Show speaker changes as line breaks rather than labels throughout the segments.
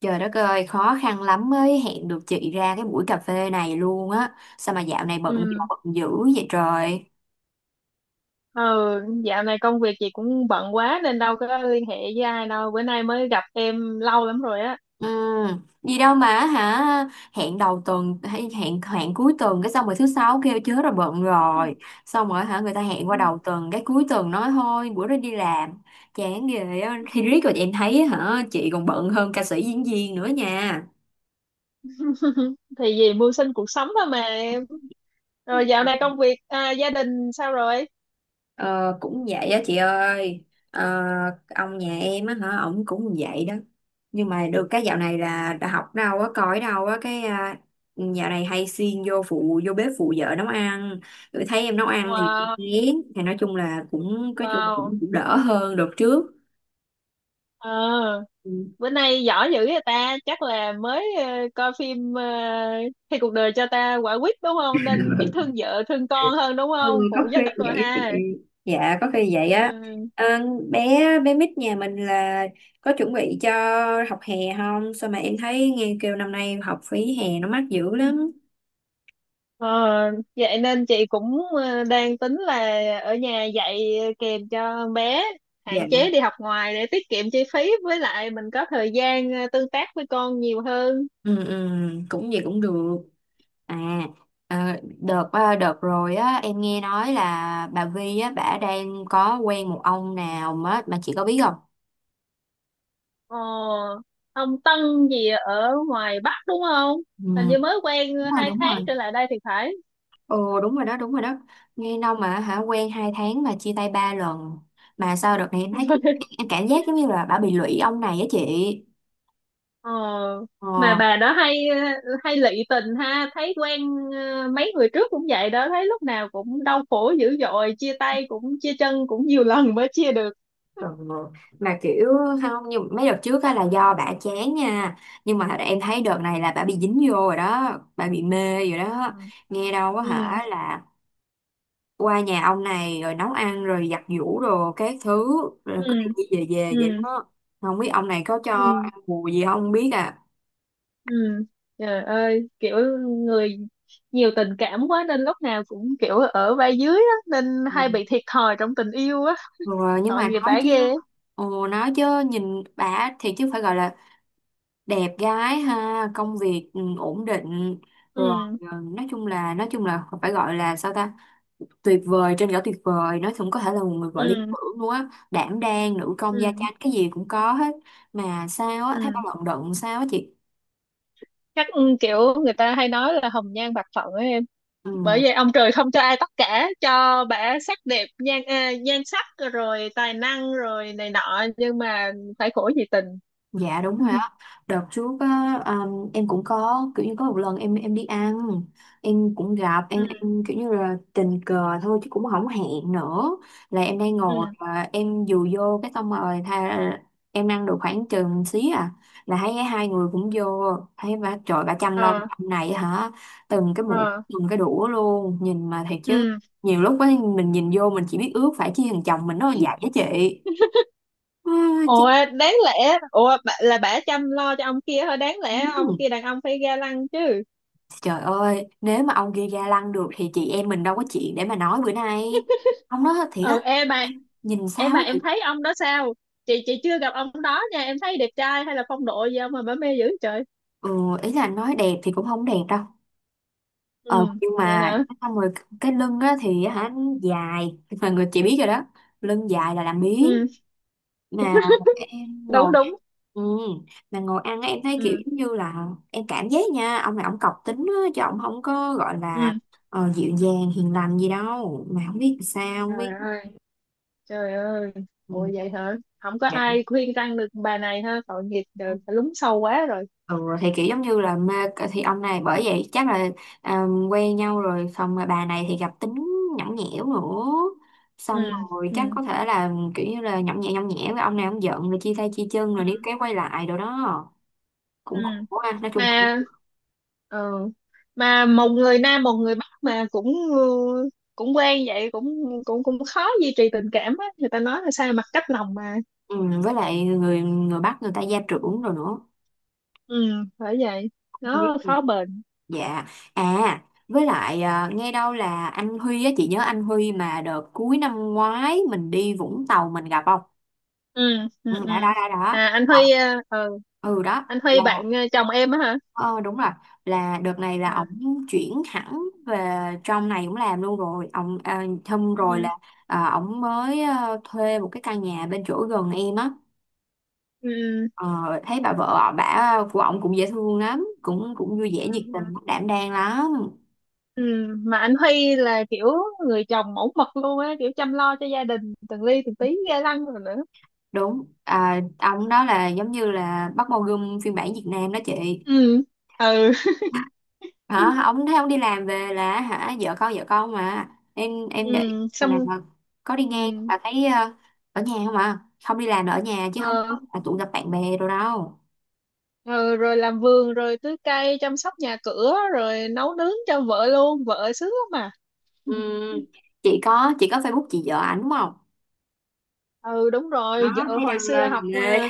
Trời đất ơi, khó khăn lắm mới hẹn được chị ra cái buổi cà phê này luôn á. Sao mà dạo này bận
Ừ.
bận dữ vậy trời?
Ừ, dạo này công việc chị cũng bận quá nên đâu có liên hệ với ai đâu. Bữa nay mới gặp em lâu lắm rồi á.
Ừ, gì đâu mà hả? Hẹn đầu tuần hay hẹn hẹn cuối tuần cái xong rồi thứ sáu kêu chớ rồi bận rồi. Xong rồi hả người ta hẹn qua đầu tuần cái cuối tuần nói thôi bữa đó đi làm. Chán ghê á. Thì riết rồi em thấy hả chị còn bận hơn ca sĩ diễn viên nữa nha.
Thì vì mưu sinh cuộc sống thôi mà em. Rồi dạo này công việc gia đình sao rồi?
Ờ, Cũng vậy á chị ơi. Ờ, ông nhà em á hả ổng cũng vậy đó, nhưng mà được cái dạo này là đã học đâu á coi đâu á cái dạo này hay xuyên vô phụ vô bếp phụ vợ nấu ăn, rồi thấy em nấu ăn thì cũng
Wow,
ngán thì nói chung là cũng có chung là
wow.
cũng đỡ hơn đợt trước.
Ờ,
Ừ.
Bữa nay giỏi dữ vậy ta, chắc là mới coi phim Khi cuộc đời cho ta quả quýt đúng không? Nên biết thương vợ, thương con hơn đúng
Ừ,
không?
có
Phụ
khi
giúp rồi
vậy á chị.
ha.
Dạ có khi vậy á.
Ừ.
Ờ, Bé bé mít nhà mình là có chuẩn bị cho học hè không, sao mà em thấy nghe kêu năm nay học phí hè nó mắc dữ lắm.
Ờ, Vậy nên chị cũng đang tính là ở nhà dạy kèm cho bé,
Dạ.
hạn chế đi học ngoài để tiết kiệm chi phí, với lại mình có thời gian tương tác với con nhiều hơn.
Ừ, ừ, cũng vậy cũng được. à ờ, Đợt đợt rồi á em nghe nói là bà Vi á bả đang có quen một ông nào mà chị có biết không?
Ờ, ông Tân gì ở ngoài Bắc đúng không?
Ừ,
Hình như mới quen
đúng rồi
hai
đúng
tháng
rồi.
trở lại đây thì phải.
Ồ đúng rồi đó đúng rồi đó, nghe đâu mà hả quen 2 tháng mà chia tay 3 lần, mà sao đợt này em thấy em cảm giác giống như là bà bị lụy ông này á chị.
Ờ, mà
Ờ.
bà đó hay hay lị tình ha, thấy quen mấy người trước cũng vậy đó, thấy lúc nào cũng đau khổ dữ dội, chia tay cũng chia chân cũng nhiều lần mới chia được.
Ừ. Mà kiểu không, nhưng mấy đợt trước á là do bà chán nha, nhưng mà em thấy đợt này là bà bị dính vô rồi đó, bà bị mê rồi
Ừ.
đó. Nghe đâu á
Ừ.
hả là qua nhà ông này rồi nấu ăn rồi giặt giũ rồi các thứ, rồi cứ
Ừ.
đi về về vậy
Ừ.
đó, không biết ông này có cho
Ừ.
ăn bù gì không biết à.
Ừ. Trời ơi, kiểu người nhiều tình cảm quá nên lúc nào cũng kiểu ở vai dưới á, nên
Ừ.
hay bị thiệt thòi trong tình yêu á,
Rồi nhưng
tội
mà
nghiệp
nói
bả
chứ.
ghê.
Ồ nói chứ, nhìn bà thì chứ phải gọi là đẹp gái ha, công việc ổn định rồi,
Ừ.
nói chung là phải gọi là sao ta, tuyệt vời trên cả tuyệt vời, nói chung có thể là một người vợ lý
Ừ.
tưởng luôn á, đảm đang nữ công gia
Ừ.
chánh cái gì cũng có hết, mà sao á thấy bà
Ừ.
lận đận sao á chị?
Chắc kiểu người ta hay nói là hồng nhan bạc phận ấy em, bởi
Ừ.
vậy ông trời không cho ai tất cả, cho bả sắc đẹp nhan sắc rồi tài năng rồi này nọ nhưng mà phải khổ vì tình.
Dạ đúng rồi á. Đợt trước á, em cũng có kiểu như có một lần em đi ăn, em cũng gặp em
Ừ.
em kiểu như là tình cờ thôi chứ cũng không hẹn nữa. Là em đang ngồi
Ừ.
và em dù vô cái xong rồi tha, em ăn được khoảng chừng xí à, là thấy hai người cũng vô, thấy bà trời bà chăm lo
Ờ.
ông này hả, từng cái muỗng
Ờ.
từng cái đũa luôn, nhìn mà thiệt chứ
Ừ.
nhiều lúc ấy mình nhìn vô mình chỉ biết ước phải chi thằng chồng mình nó là vậy á chị. à,
Ủa, đáng lẽ là bả chăm lo cho ông kia thôi, đáng lẽ ông kia
Chán.
đàn ông phải ga lăng chứ.
Trời ơi, nếu mà ông kia ga lăng được thì chị em mình đâu có chuyện để mà nói bữa nay. Ông nói thiệt
Ừ,
á,
em mà
em nhìn
em
sao
mà
á
em
chị.
thấy ông đó sao. Chị chưa gặp ông đó nha, em thấy đẹp trai hay là phong độ gì không mà bả mê dữ trời.
Ừ, ý là nói đẹp thì cũng không đẹp đâu. Ờ,
Ừ,
nhưng
vậy
mà
hả?
xong rồi cái lưng á thì hả dài, mà người chị biết rồi đó. Lưng dài là làm biếng.
Ừ,
Mà em
đúng
ngồi
đúng.
ừ, mà ngồi ăn á, em thấy kiểu
Ừ.
giống như là em cảm giác nha, ông này ông cọc tính á, chứ ông không có gọi
Ừ.
là dịu dàng hiền lành gì đâu. Mà không biết sao, không
Trời
biết.
ơi. Trời ơi.
Ừ,
Ủa, vậy hả? Không có
dạ.
ai khuyên răn được bà này ha, tội nghiệp, trời phải lún sâu quá rồi.
Ừ, thì kiểu giống như là mê thì ông này bởi vậy chắc là à, quen nhau rồi xong rồi bà này thì gặp tính nhõng nhẽo nữa,
Ừ.
xong rồi
Ừ.
chắc có thể là kiểu như là nhõng nhẽo với ông này, ông giận rồi chia tay chia chân rồi đi cái quay lại rồi đó,
Ừ.
cũng khổ ha nói chung cũng
Mà ờ, mà một người Nam một người Bắc mà cũng ừ, cũng quen vậy cũng cũng cũng khó duy trì tình cảm á, người ta nói là sao mặt cách lòng mà.
ừ, với lại người người Bắc người ta gia trưởng rồi nữa.
Ừ, phải vậy,
Không biết
nó
gì.
khó bền.
Dạ. À với lại nghe đâu là anh Huy á, chị nhớ anh Huy mà đợt cuối năm ngoái mình đi Vũng Tàu mình gặp không?
Ừ. Ừ.
Ừ,
Ừ.
đã.
À, anh
Ờ,
Huy ờ ờ,
ừ đó
anh Huy
là
bạn chồng em á hả?
ờ, đúng rồi, là đợt này là
À.
ổng chuyển hẳn về trong này cũng làm luôn rồi, ổng thâm rồi
Ừ.
là ổng mới thuê một cái căn nhà bên chỗ gần em á.
Ừ.
Ờ, Thấy bà vợ bà của ổng cũng dễ thương lắm, cũng cũng vui vẻ
Ừ.
nhiệt
Ừ.
tình đảm đang lắm.
Ừ. Mà anh Huy là kiểu người chồng mẫu mực luôn á, kiểu chăm lo cho gia đình từng ly từng tí, ghê lăng rồi nữa.
Đúng ông đó là giống như là Park Bo Gum phiên bản Việt Nam đó chị,
Ừ. Ừ.
hả ông thấy ông đi làm về là hả vợ con mà, em để ý
Ừ,
lần nào
xong
mà có đi
ừ,
ngang là thấy ở nhà không à, không đi làm là ở nhà chứ không
ờ,
có là tụ gặp bạn bè rồi đâu.
ờ, rồi làm vườn rồi tưới cây chăm sóc nhà cửa rồi nấu nướng cho vợ luôn, vợ sướng lắm mà.
Ừ, chị có Facebook chị vợ ảnh đúng không?
Ừ, đúng
Đó
rồi, vợ
thấy
hồi
đăng
xưa
lên là
học
mê.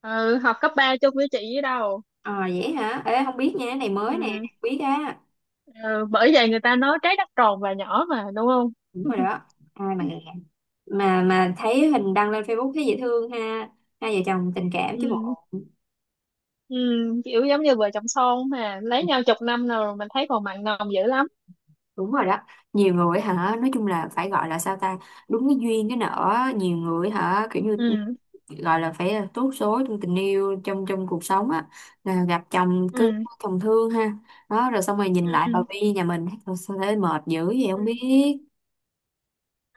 ờ, ừ, học cấp 3 chung với chị với đâu.
Ờ vậy hả, ê không biết nha, cái này mới nè,
Ừ.
không biết á.
Ừ. Bởi vậy người ta nói trái đất tròn và nhỏ mà đúng không.
Đúng rồi đó. Ai mà thấy hình đăng lên Facebook thấy dễ thương ha, hai vợ chồng tình cảm chứ
Ừ.
bộ.
Ừ. Kiểu giống như vợ chồng son mà lấy nhau chục năm rồi mình thấy còn mặn nồng dữ lắm.
Đúng rồi đó, nhiều người hả nói chung là phải gọi là sao ta, đúng cái duyên cái nợ, nhiều người hả kiểu như
Ừ.
gọi là phải là tốt số trong tình yêu trong trong cuộc sống á, là gặp chồng cưng
Ừ.
chồng thương ha, đó rồi xong rồi nhìn lại bà
Ừ.
Vi nhà mình "Thôi sao thấy mệt dữ vậy
Ừ.
không biết".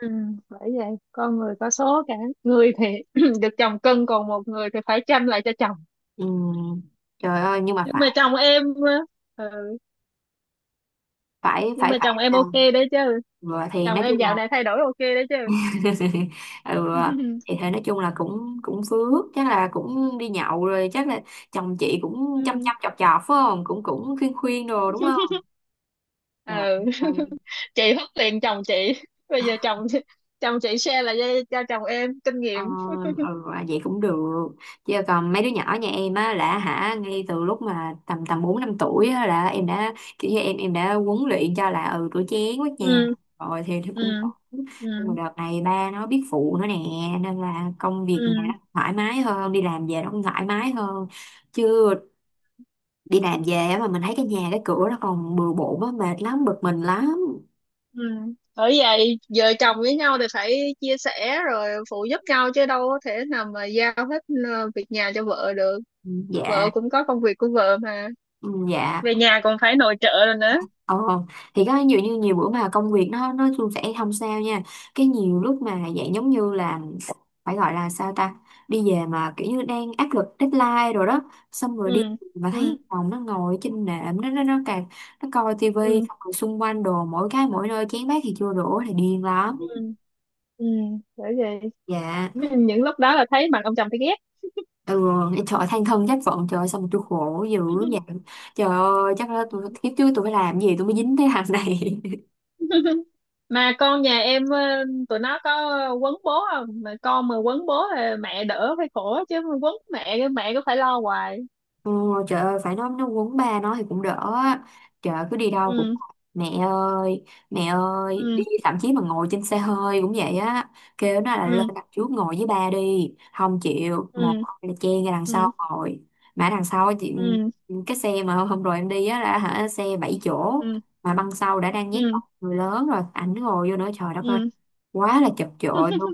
Ừ, bởi vậy con người có số cả, người thì được chồng cưng còn một người thì phải chăm lại cho chồng.
Ừm, Trời ơi nhưng mà
nhưng mà
phải
chồng em ờ, ừ,
phải
nhưng
phải
mà
phải
chồng em
nào
ok đấy chứ,
rồi thì
chồng
nói
em
chung
dạo
là
này thay đổi ok đấy chứ.
ừ, thì thế nói chung là cũng cũng phước, chắc là cũng đi nhậu rồi, chắc là chồng chị cũng
Ừ.
chăm
Ừ.
chăm chọc chọc phải không, cũng cũng khuyên khuyên đồ đúng không? Dạ ok.
Chị hất liền chồng chị, bây giờ chồng chồng chị share là cho chồng em kinh
Ờ,
nghiệm.
Vậy cũng được, chứ còn mấy đứa nhỏ nhà em á là hả ngay từ lúc mà tầm tầm 4-5 tuổi á, là em đã kiểu như em đã huấn luyện cho là ừ rửa chén quét nhà
Ừ.
rồi thì nó
Ừ.
cũng ổn.
Ừ.
Nhưng mà đợt này ba nó biết phụ nữa nè, nên là công việc nhà nó
Ừ.
thoải mái hơn, đi làm về nó cũng thoải mái hơn, chứ đi làm về á mà mình thấy cái nhà cái cửa nó còn bừa bộn á mệt lắm bực mình lắm.
Ừ. Bởi vậy vợ chồng với nhau thì phải chia sẻ rồi phụ giúp nhau chứ đâu có thể nào mà giao hết việc nhà cho vợ được,
Ừ, dạ.
vợ cũng có công việc của vợ mà,
Ừ, dạ.
về nhà còn phải nội trợ rồi nữa.
Ờ, thì có nhiều như nhiều bữa mà công việc nó suôn sẻ không sao nha, cái nhiều lúc mà dạng giống như là phải gọi là sao ta, đi về mà kiểu như đang áp lực deadline rồi đó, xong rồi
Ừ.
đi mà
Ừ.
thấy phòng nó ngồi trên nệm nó càng nó coi tivi
Ừ.
xong rồi xung quanh đồ mỗi cái mỗi nơi chén bát thì chưa đổ thì điên
Ừ.
lắm.
Ừ, bởi vậy
Dạ.
những lúc đó là thấy mặt ông chồng thấy ghét.
Ừ. Trời ơi, than thân trách phận, trời ơi, sao mà tôi khổ dữ vậy, trời ơi chắc là
Ừ.
tôi kiếp trước tôi phải làm gì tôi mới dính cái hàng này.
Mà con nhà em tụi nó có quấn bố không, mà con mà quấn bố là mẹ đỡ phải khổ, chứ mà quấn mẹ cái mẹ cứ phải lo hoài.
Ồ, trời ơi phải nói nó quấn ba nó thì cũng đỡ á. Trời ơi, cứ đi đâu cũng
Ừ.
mẹ ơi mẹ ơi đi,
Ừ.
thậm chí mà ngồi trên xe hơi cũng vậy á, kêu nó là lên
Ừ.
đặt trước ngồi với ba đi không chịu, một
Ừ.
là chen ra đằng
Ừ.
sau ngồi, mà đằng sau chị
Ừ.
cái xe mà hôm hôm rồi em đi á là hả xe 7 chỗ
Ừ.
mà băng sau đã đang nhét
Ừ.
người lớn rồi ảnh ngồi vô nữa trời đất ơi
Ừ.
quá là chật chội luôn.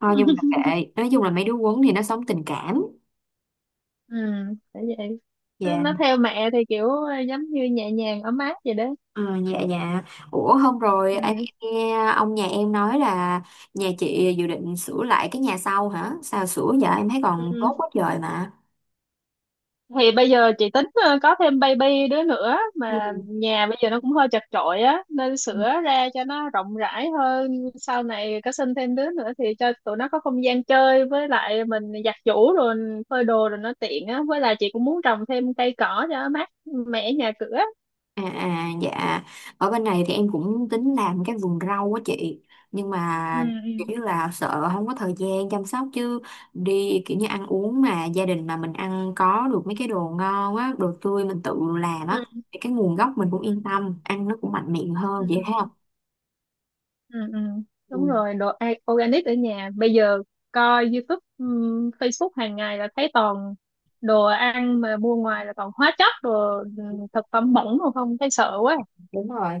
Thôi nhưng mà kệ, nói chung là mấy đứa quấn thì nó sống tình cảm.
Ừ, phải vậy, nó,
Dạ.
nó theo mẹ thì kiểu giống như nhẹ nhàng ấm áp vậy đó.
Ờ, dạ dạ. Ủa hôm rồi anh
Ừ.
nghe ông nhà em nói là nhà chị dự định sửa lại cái nhà sau hả, sao sửa giờ em thấy
Ừ.
còn tốt quá trời mà.
Thì bây giờ chị tính có thêm baby đứa nữa
Ừ.
mà nhà bây giờ nó cũng hơi chật chội á nên sửa ra cho nó rộng rãi hơn, sau này có sinh thêm đứa nữa thì cho tụi nó có không gian chơi, với lại mình giặt giũ rồi phơi đồ rồi nó tiện á, với lại chị cũng muốn trồng thêm cây cỏ cho mát mẻ nhà cửa.
Dạ. Ở bên này thì em cũng tính làm cái vườn rau á chị, nhưng
Ừ.
mà kiểu như là sợ không có thời gian chăm sóc, chứ đi kiểu như ăn uống mà gia đình mà mình ăn có được mấy cái đồ ngon á đồ tươi mình tự làm á
Ừ.
thì cái nguồn gốc mình cũng yên tâm, ăn nó cũng mạnh miệng
Ừ.
hơn vậy thấy không.
Ừ. Ừ.
Ừ.
Đúng rồi, đồ organic ở nhà. Bây giờ coi YouTube, Facebook hàng ngày là thấy toàn đồ ăn mà mua ngoài là toàn hóa chất, đồ thực phẩm bẩn mà không thấy sợ quá.
Đúng rồi,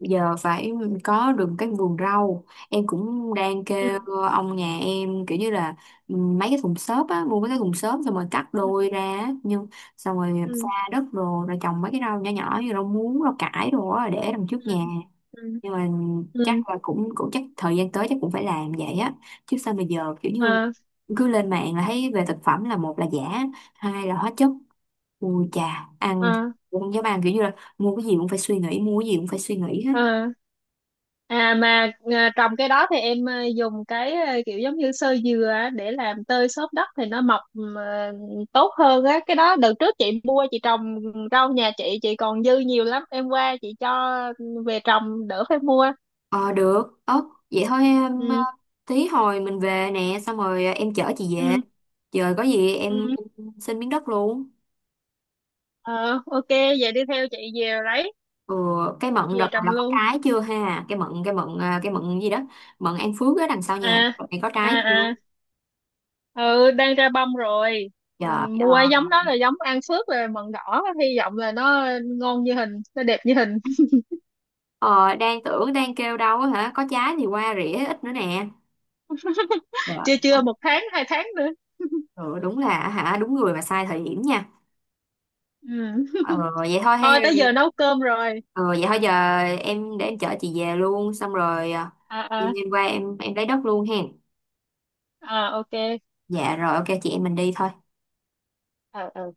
giờ phải có được cái vườn rau. Em cũng đang
Ừ.
kêu ông nhà em kiểu như là mấy cái thùng xốp á, mua mấy cái thùng xốp xong rồi cắt
Ừ.
đôi ra á, nhưng xong rồi pha
Ừ.
đất đồ rồi trồng mấy cái rau nhỏ nhỏ như rau muống rau cải đồ á để đằng trước
Ừ.
nhà,
Ừ.
nhưng mà
Ừ.
chắc là cũng cũng chắc thời gian tới chắc cũng phải làm vậy á, chứ sao bây giờ kiểu như
À.
cứ lên mạng là thấy về thực phẩm là một là giả, hai là hóa chất, ui chà ăn thì
À.
cũng không dám ăn, kiểu như là mua cái gì cũng phải suy nghĩ, mua cái gì cũng phải suy nghĩ hết.
À. À mà trồng cái đó thì em dùng cái kiểu giống như xơ dừa á, để làm tơi xốp đất thì nó mọc à, tốt hơn á. Cái đó đợt trước chị mua chị trồng rau, nhà chị còn dư nhiều lắm. Em qua chị cho về trồng đỡ phải mua.
Ờ được ớ, vậy thôi em
Ừ.
tí hồi mình về nè xong rồi em chở chị về,
Ừ.
trời có gì
Ừ.
em xin miếng đất luôn.
Ờ, ok, vậy đi theo chị về lấy
Ừ, cái mận đợt
về
này
trồng
là có
luôn.
trái chưa ha, cái mận gì đó, mận An Phước ở đằng sau nhà
À.
đợt này có
À.
trái
À.
chưa,
Ừ, đang ra bông rồi. Ừ,
trời
mua giống đó là giống An Phước rồi, mận đỏ, hy vọng là nó ngon như hình, nó đẹp như hình.
ờ, đang tưởng đang kêu đâu á hả có trái thì qua rỉa ít nữa nè
Chưa,
trời.
chưa, 1 tháng 2 tháng nữa.
Ừ, đúng là hả đúng người mà sai thời điểm nha.
Ừ.
Ờ, Vậy thôi hay
Thôi
là
tới giờ nấu cơm rồi.
Ờ, vậy thôi giờ em để em chở chị về luôn xong rồi
À.
đêm
À.
đêm qua em lấy đất luôn hen.
À. Ok.
Dạ rồi ok chị em mình đi thôi.
Ờ. Ờ.